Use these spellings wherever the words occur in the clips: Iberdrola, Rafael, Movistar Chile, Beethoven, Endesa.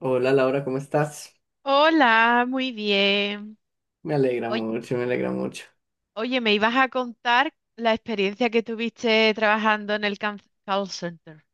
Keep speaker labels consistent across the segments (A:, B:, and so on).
A: Hola, Laura, ¿cómo estás?
B: Hola, muy bien.
A: Me alegra
B: Oy-
A: mucho, me alegra mucho.
B: Oye, me ibas a contar la experiencia que tuviste trabajando en el call center.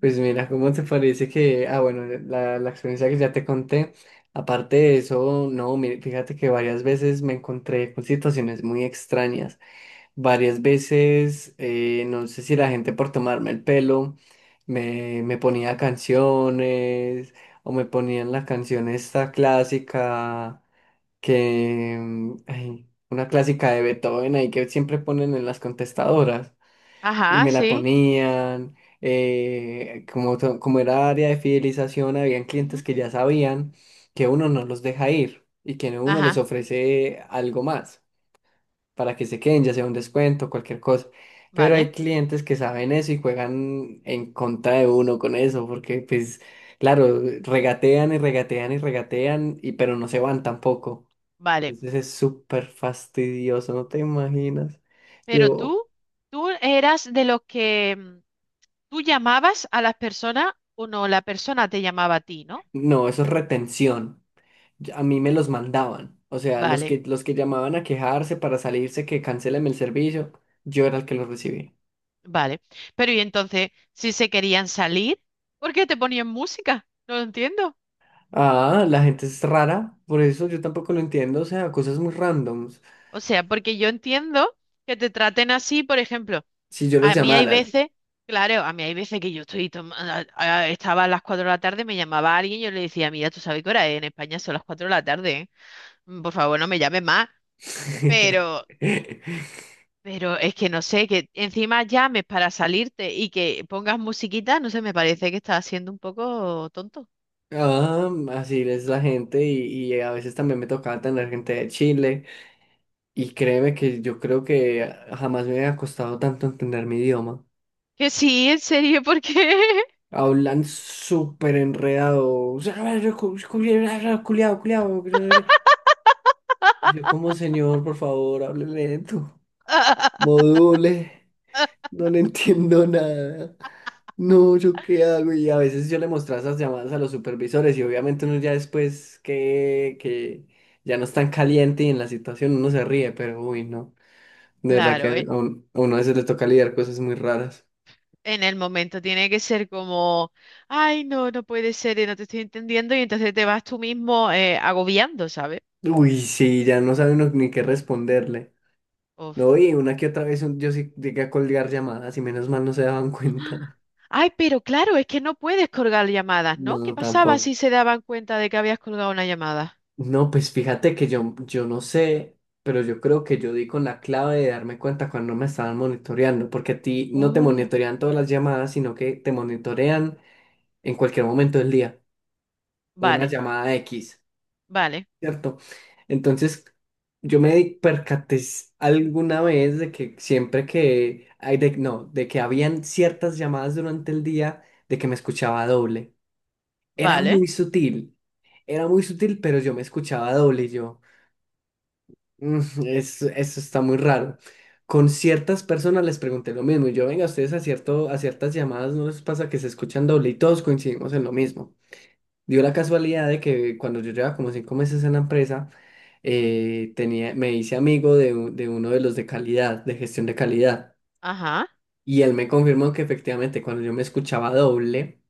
A: Pues mira, ¿cómo te parece que, bueno, la experiencia que ya te conté, aparte de eso, no, mire, fíjate que varias veces me encontré con situaciones muy extrañas. Varias veces, no sé si la gente por tomarme el pelo me ponía canciones o me ponían la canción esta clásica ay, una clásica de Beethoven ahí que siempre ponen en las contestadoras. Y
B: Ajá,
A: me la
B: sí.
A: ponían. Como como era área de fidelización, habían clientes
B: Ujú.
A: que ya sabían que uno no los deja ir y que uno les
B: Ajá,
A: ofrece algo más para que se queden, ya sea un descuento, cualquier cosa. Pero hay
B: vale,
A: clientes que saben eso y juegan en contra de uno con eso, porque pues, claro, regatean y regatean y regatean, pero no se van tampoco.
B: vale.
A: Entonces es súper fastidioso, no te imaginas.
B: Pero
A: Yo,
B: tú eras de los que tú llamabas a las personas o no, la persona te llamaba a ti, ¿no?
A: no, eso es retención. A mí me los mandaban. O sea,
B: Vale,
A: los que llamaban a quejarse para salirse que cancéleme el servicio, yo era el que los recibía.
B: vale. Pero y entonces, si se querían salir, ¿por qué te ponían música? No lo entiendo.
A: Ah, la gente es rara, por eso yo tampoco lo entiendo. O sea, cosas muy randoms.
B: O sea, porque yo entiendo que te traten así, por ejemplo.
A: Si yo los
B: A mí hay
A: llamaras.
B: veces, claro, a mí hay veces que yo estoy estaba a las 4 de la tarde, me llamaba alguien, yo le decía, mira, tú sabes qué hora es, en España son las 4 de la tarde, ¿eh? Por favor, no me llames más. Pero, pero es que no sé, que encima llames para salirte y que pongas musiquita, no sé, me parece que estás siendo un poco tonto.
A: Ah, así es la gente y a veces también me tocaba tener gente de Chile. Y créeme que yo creo que jamás me había costado tanto entender mi idioma.
B: Que sí, en serio, ¿por qué?
A: Hablan súper enredado. Culeado, culeado, culeado, que no sé qué. Yo como, señor, por favor, hable lento. Module. No le entiendo nada. No, ¿yo qué hago? Y a veces yo le mostraba esas llamadas a los supervisores y obviamente uno ya después que ya no es tan caliente y en la situación uno se ríe, pero uy, no. De verdad que
B: Claro,
A: a uno a veces le toca lidiar cosas muy raras.
B: en el momento tiene que ser como, ay, no, no puede ser, no te estoy entendiendo, y entonces te vas tú mismo agobiando, ¿sabes?
A: Uy, sí, ya no sabe uno ni qué responderle.
B: Uf.
A: No, y una que otra vez yo sí llegué a colgar llamadas y menos mal no se daban cuenta.
B: Ay, pero claro, es que no puedes colgar llamadas, ¿no? ¿Qué
A: No,
B: pasaba
A: tampoco.
B: si se daban cuenta de que habías colgado una llamada?
A: No, pues fíjate que yo no sé, pero yo creo que yo di con la clave de darme cuenta cuando me estaban monitoreando, porque a ti no te
B: Oh,
A: monitorean todas las llamadas, sino que te monitorean en cualquier momento del día. Una
B: vale,
A: llamada X.
B: vale,
A: ¿Cierto? Entonces, percaté alguna vez de que siempre no, de que habían ciertas llamadas durante el día de que me escuchaba doble. Era
B: vale.
A: muy sutil, era muy sutil, pero yo me escuchaba doble y yo, eso, está muy raro". Con ciertas personas les pregunté lo mismo y yo, venga, cierto, a ciertas llamadas no les pasa que se escuchan doble, y todos coincidimos en lo mismo. Dio la casualidad de que cuando yo llevaba como cinco meses en la empresa, me hice amigo de, de uno de los de calidad, de gestión de calidad.
B: Ajá.
A: Y él me confirmó que efectivamente cuando yo me escuchaba doble,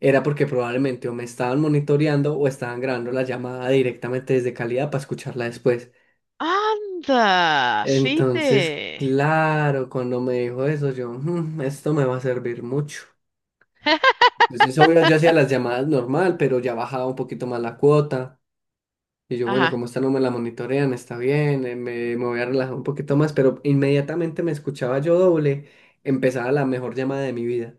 A: era porque probablemente o me estaban monitoreando o estaban grabando la llamada directamente desde calidad para escucharla después.
B: Anda,
A: Entonces,
B: fíjate.
A: claro, cuando me dijo eso, yo, "Mm, esto me va a servir mucho". Entonces, obvio, yo hacía las llamadas normal, pero ya bajaba un poquito más la cuota. Y yo, bueno,
B: Ajá.
A: como esta no me la monitorean, está bien, me voy a relajar un poquito más, pero inmediatamente me escuchaba yo doble, empezaba la mejor llamada de mi vida.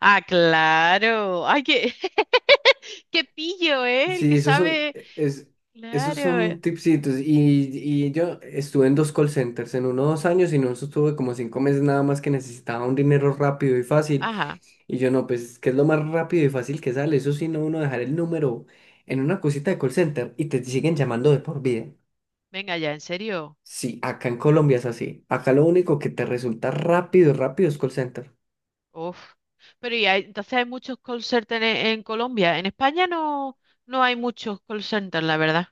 B: Ah, claro. Ay, qué, qué pillo, ¿eh? El
A: Sí,
B: que sabe.
A: esos
B: Claro.
A: son tipsitos. Y yo estuve en dos call centers, en uno dos años, y no estuve como cinco meses nada más que necesitaba un dinero rápido y fácil.
B: Ajá.
A: Y yo no, pues, ¿qué es lo más rápido y fácil que sale? Eso sí, no uno dejar el número en una cosita de call center y te siguen llamando de por vida.
B: Venga ya, en serio.
A: Sí, acá en Colombia es así. Acá lo único que te resulta rápido, rápido es call center.
B: Uf. Pero entonces hay muchos call centers en Colombia. En España no, no hay muchos call centers, la verdad.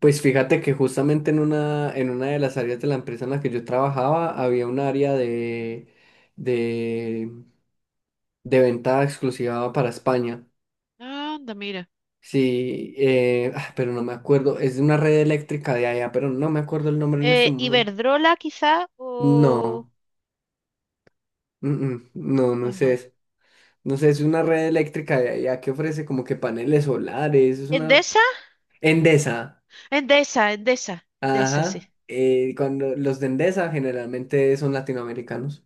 A: Pues fíjate que justamente en una de las áreas de la empresa en la que yo trabajaba había un área de, de venta exclusiva para España.
B: Ah, anda, mira.
A: Sí, pero no me acuerdo. Es de una red eléctrica de allá, pero no me acuerdo el nombre en este momento.
B: Iberdrola quizá o...
A: No, no, no
B: Pues
A: sé
B: no.
A: eso. No sé, es una red eléctrica de allá que ofrece como que paneles solares. Es una
B: ¿Endesa?
A: Endesa.
B: Endesa, Endesa. Endesa, sí.
A: Ajá. Cuando los de Endesa generalmente son latinoamericanos.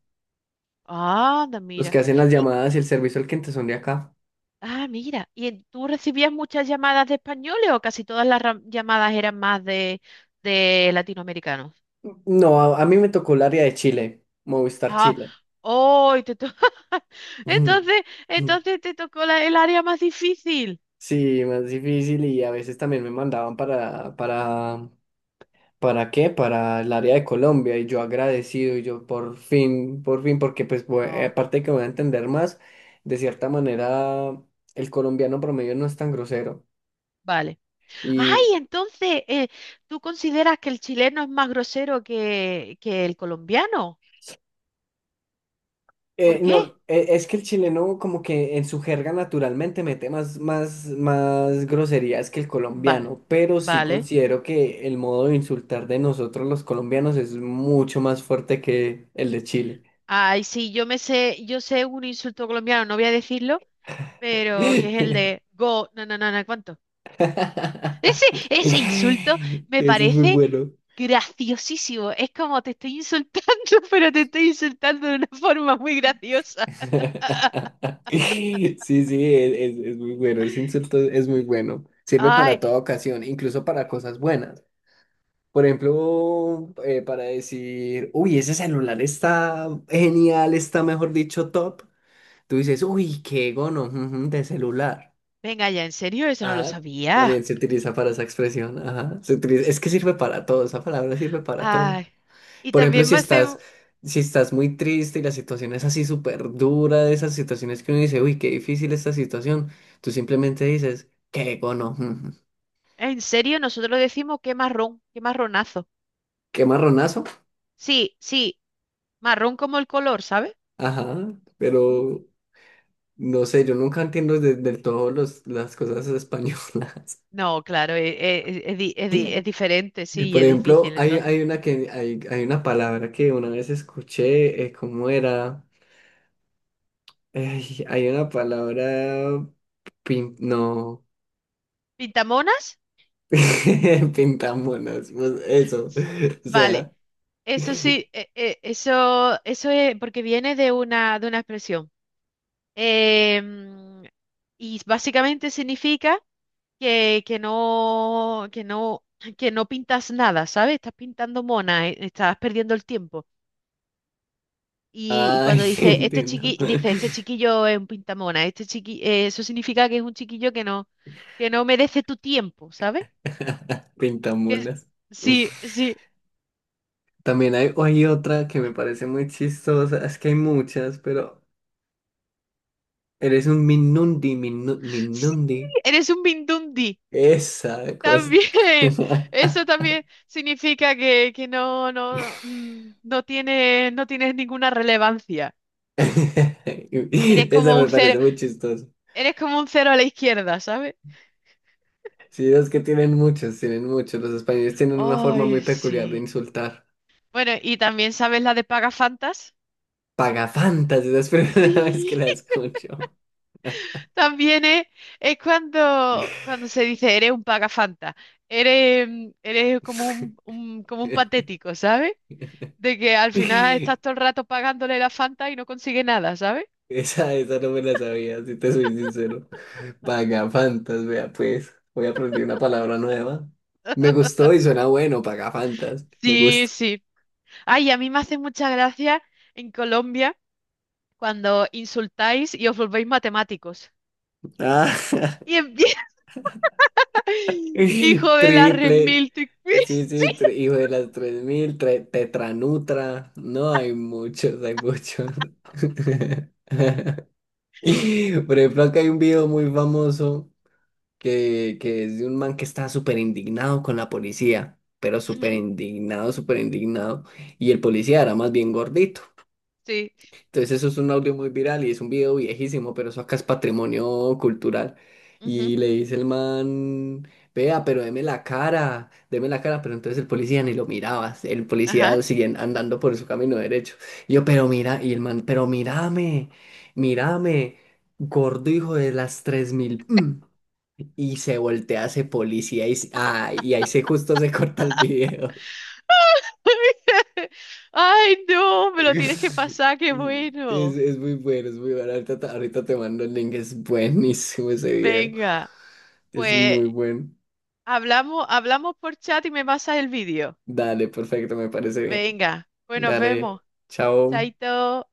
B: Ah, anda,
A: Los
B: mira.
A: que hacen las
B: Y,
A: llamadas y el servicio al cliente son de acá.
B: ah, mira. ¿Y tú recibías muchas llamadas de españoles o casi todas las llamadas eran más de latinoamericanos?
A: No, a mí me tocó el área de Chile, Movistar
B: Ah,
A: Chile.
B: hoy
A: Ujú,
B: Entonces,
A: ujú.
B: entonces te tocó el área más difícil.
A: Sí, más difícil y a veces también me mandaban ¿para qué? Para el área de Colombia y yo agradecido y yo por fin, porque pues
B: Oh,
A: aparte de que voy a entender más, de cierta manera el colombiano promedio no es tan grosero.
B: vale. Ay, entonces, ¿tú consideras que el chileno es más grosero que el colombiano? ¿Por qué?
A: No, es que el chileno como que en su jerga naturalmente mete más groserías que el
B: Vale,
A: colombiano, pero sí
B: vale.
A: considero que el modo de insultar de nosotros los colombianos es mucho más fuerte que el de Chile.
B: Ay, sí, yo me sé, yo sé un insulto colombiano, no voy a decirlo, pero que es el de go, no, no, no, no, ¿cuánto? Ese, ese insulto me
A: Eso es muy
B: parece
A: bueno.
B: graciosísimo. Es como te estoy insultando, pero te estoy insultando de una forma muy graciosa.
A: Sí, sí, es, es muy bueno, ese insulto es muy bueno. Sirve para
B: Ay,
A: toda ocasión, incluso para cosas buenas. Por ejemplo, para decir, uy, ese celular está genial, está mejor dicho top. Tú dices, uy, qué gono ujú, de celular.
B: venga ya, ¿en serio? Eso no lo
A: Ajá,
B: sabía.
A: también se utiliza para esa expresión. Es que sirve para todo, esa palabra sirve para todo.
B: Ay. Y
A: Por ejemplo,
B: también me hace.
A: si estás muy triste y la situación es así súper dura, de esas situaciones que uno dice, uy, qué difícil esta situación, tú simplemente dices, qué gono, ujú,
B: En serio, nosotros decimos qué marrón, qué marronazo.
A: qué marronazo.
B: Sí, sí, marrón como el color, ¿sabes?
A: Ajá,
B: ¿Mm?
A: pero no sé, yo nunca entiendo del todo las cosas españolas.
B: No, claro, es, es es diferente,
A: Y,
B: sí, y
A: por
B: es
A: ejemplo,
B: difícil
A: hay,
B: entonces.
A: hay una que hay una palabra que una vez escuché, ¿cómo era? Ay, hay una palabra no.
B: ¿Pintamonas?
A: Pintamonas, pues, eso. O
B: Vale,
A: sea,
B: eso sí, eso, eso es porque viene de una expresión. Em, y básicamente significa que no, que no, que no pintas nada, ¿sabes? Estás pintando mona, estás perdiendo el tiempo. Y
A: ay,
B: cuando dice este
A: entiendo.
B: chiqui, dice este chiquillo es un pintamona, este chiqui, eso significa que es un chiquillo que no merece tu tiempo, ¿sabes? Que es-
A: Pintamonas.
B: sí, sí,
A: También hay otra que me parece muy chistosa, es que hay muchas, pero eres un Minundi,
B: sí,
A: Minundi.
B: eres un mindundi.
A: Esa cosa.
B: También, eso también significa que no, no, no tienes, no tienes ninguna relevancia. Eres
A: Esa
B: como
A: me
B: un cero,
A: parece muy chistosa.
B: eres como un cero a la izquierda, ¿sabes?
A: Sí, es que tienen muchos, tienen muchos. Los españoles tienen una forma
B: Ay,
A: muy peculiar de
B: sí.
A: insultar.
B: Bueno, ¿y también sabes la de Pagafantas?
A: Pagafantas, esa es la primera vez que
B: Sí.
A: la escucho.
B: También es cuando, cuando se dice eres un pagafanta, eres, eres como un, como un patético, ¿sabes? De que al final estás todo el rato pagándole la Fanta y no consigue nada, ¿sabes?
A: Esa no me la sabía, si te soy sincero. Pagafantas, vea pues. Voy a aprender una palabra nueva. Me gustó y suena bueno, pagafantas. Me
B: Sí,
A: gusta.
B: sí. Ay, a mí me hace mucha gracia en Colombia cuando insultáis y os volvéis matemáticos.
A: Ah,
B: Y empieza, hijo de la red
A: triple.
B: mil
A: Sí,
B: Sí,
A: sí, hijo de las 3000, tetranutra. No, hay muchos, hay muchos. Por ejemplo, acá hay un video muy famoso que es de un man que está súper indignado con la policía, pero súper
B: ujú,
A: indignado, súper indignado. Y el policía era más bien gordito.
B: sí.
A: Entonces eso es un audio muy viral y es un video viejísimo, pero eso acá es patrimonio cultural.
B: Ujú.
A: Y le dice el man, vea, pero deme la cara, pero entonces el policía ni lo miraba, el
B: Ajá.
A: policía sigue andando por su camino derecho. Y yo, pero mira, y el man, pero mírame, mírame, gordo hijo de las tres mil. Mm". Y se voltea ese policía y ahí se justo se corta el video.
B: Ay, no, me lo tienes que pasar, qué bueno.
A: Es muy bueno, es muy bueno. Ahorita te mando el link, es buenísimo ese video.
B: Venga,
A: Es
B: pues
A: muy bueno.
B: hablamos, hablamos por chat y me pasas el vídeo.
A: Dale, perfecto, me parece bien.
B: Venga, pues nos vemos.
A: Dale, chao.
B: Chaito.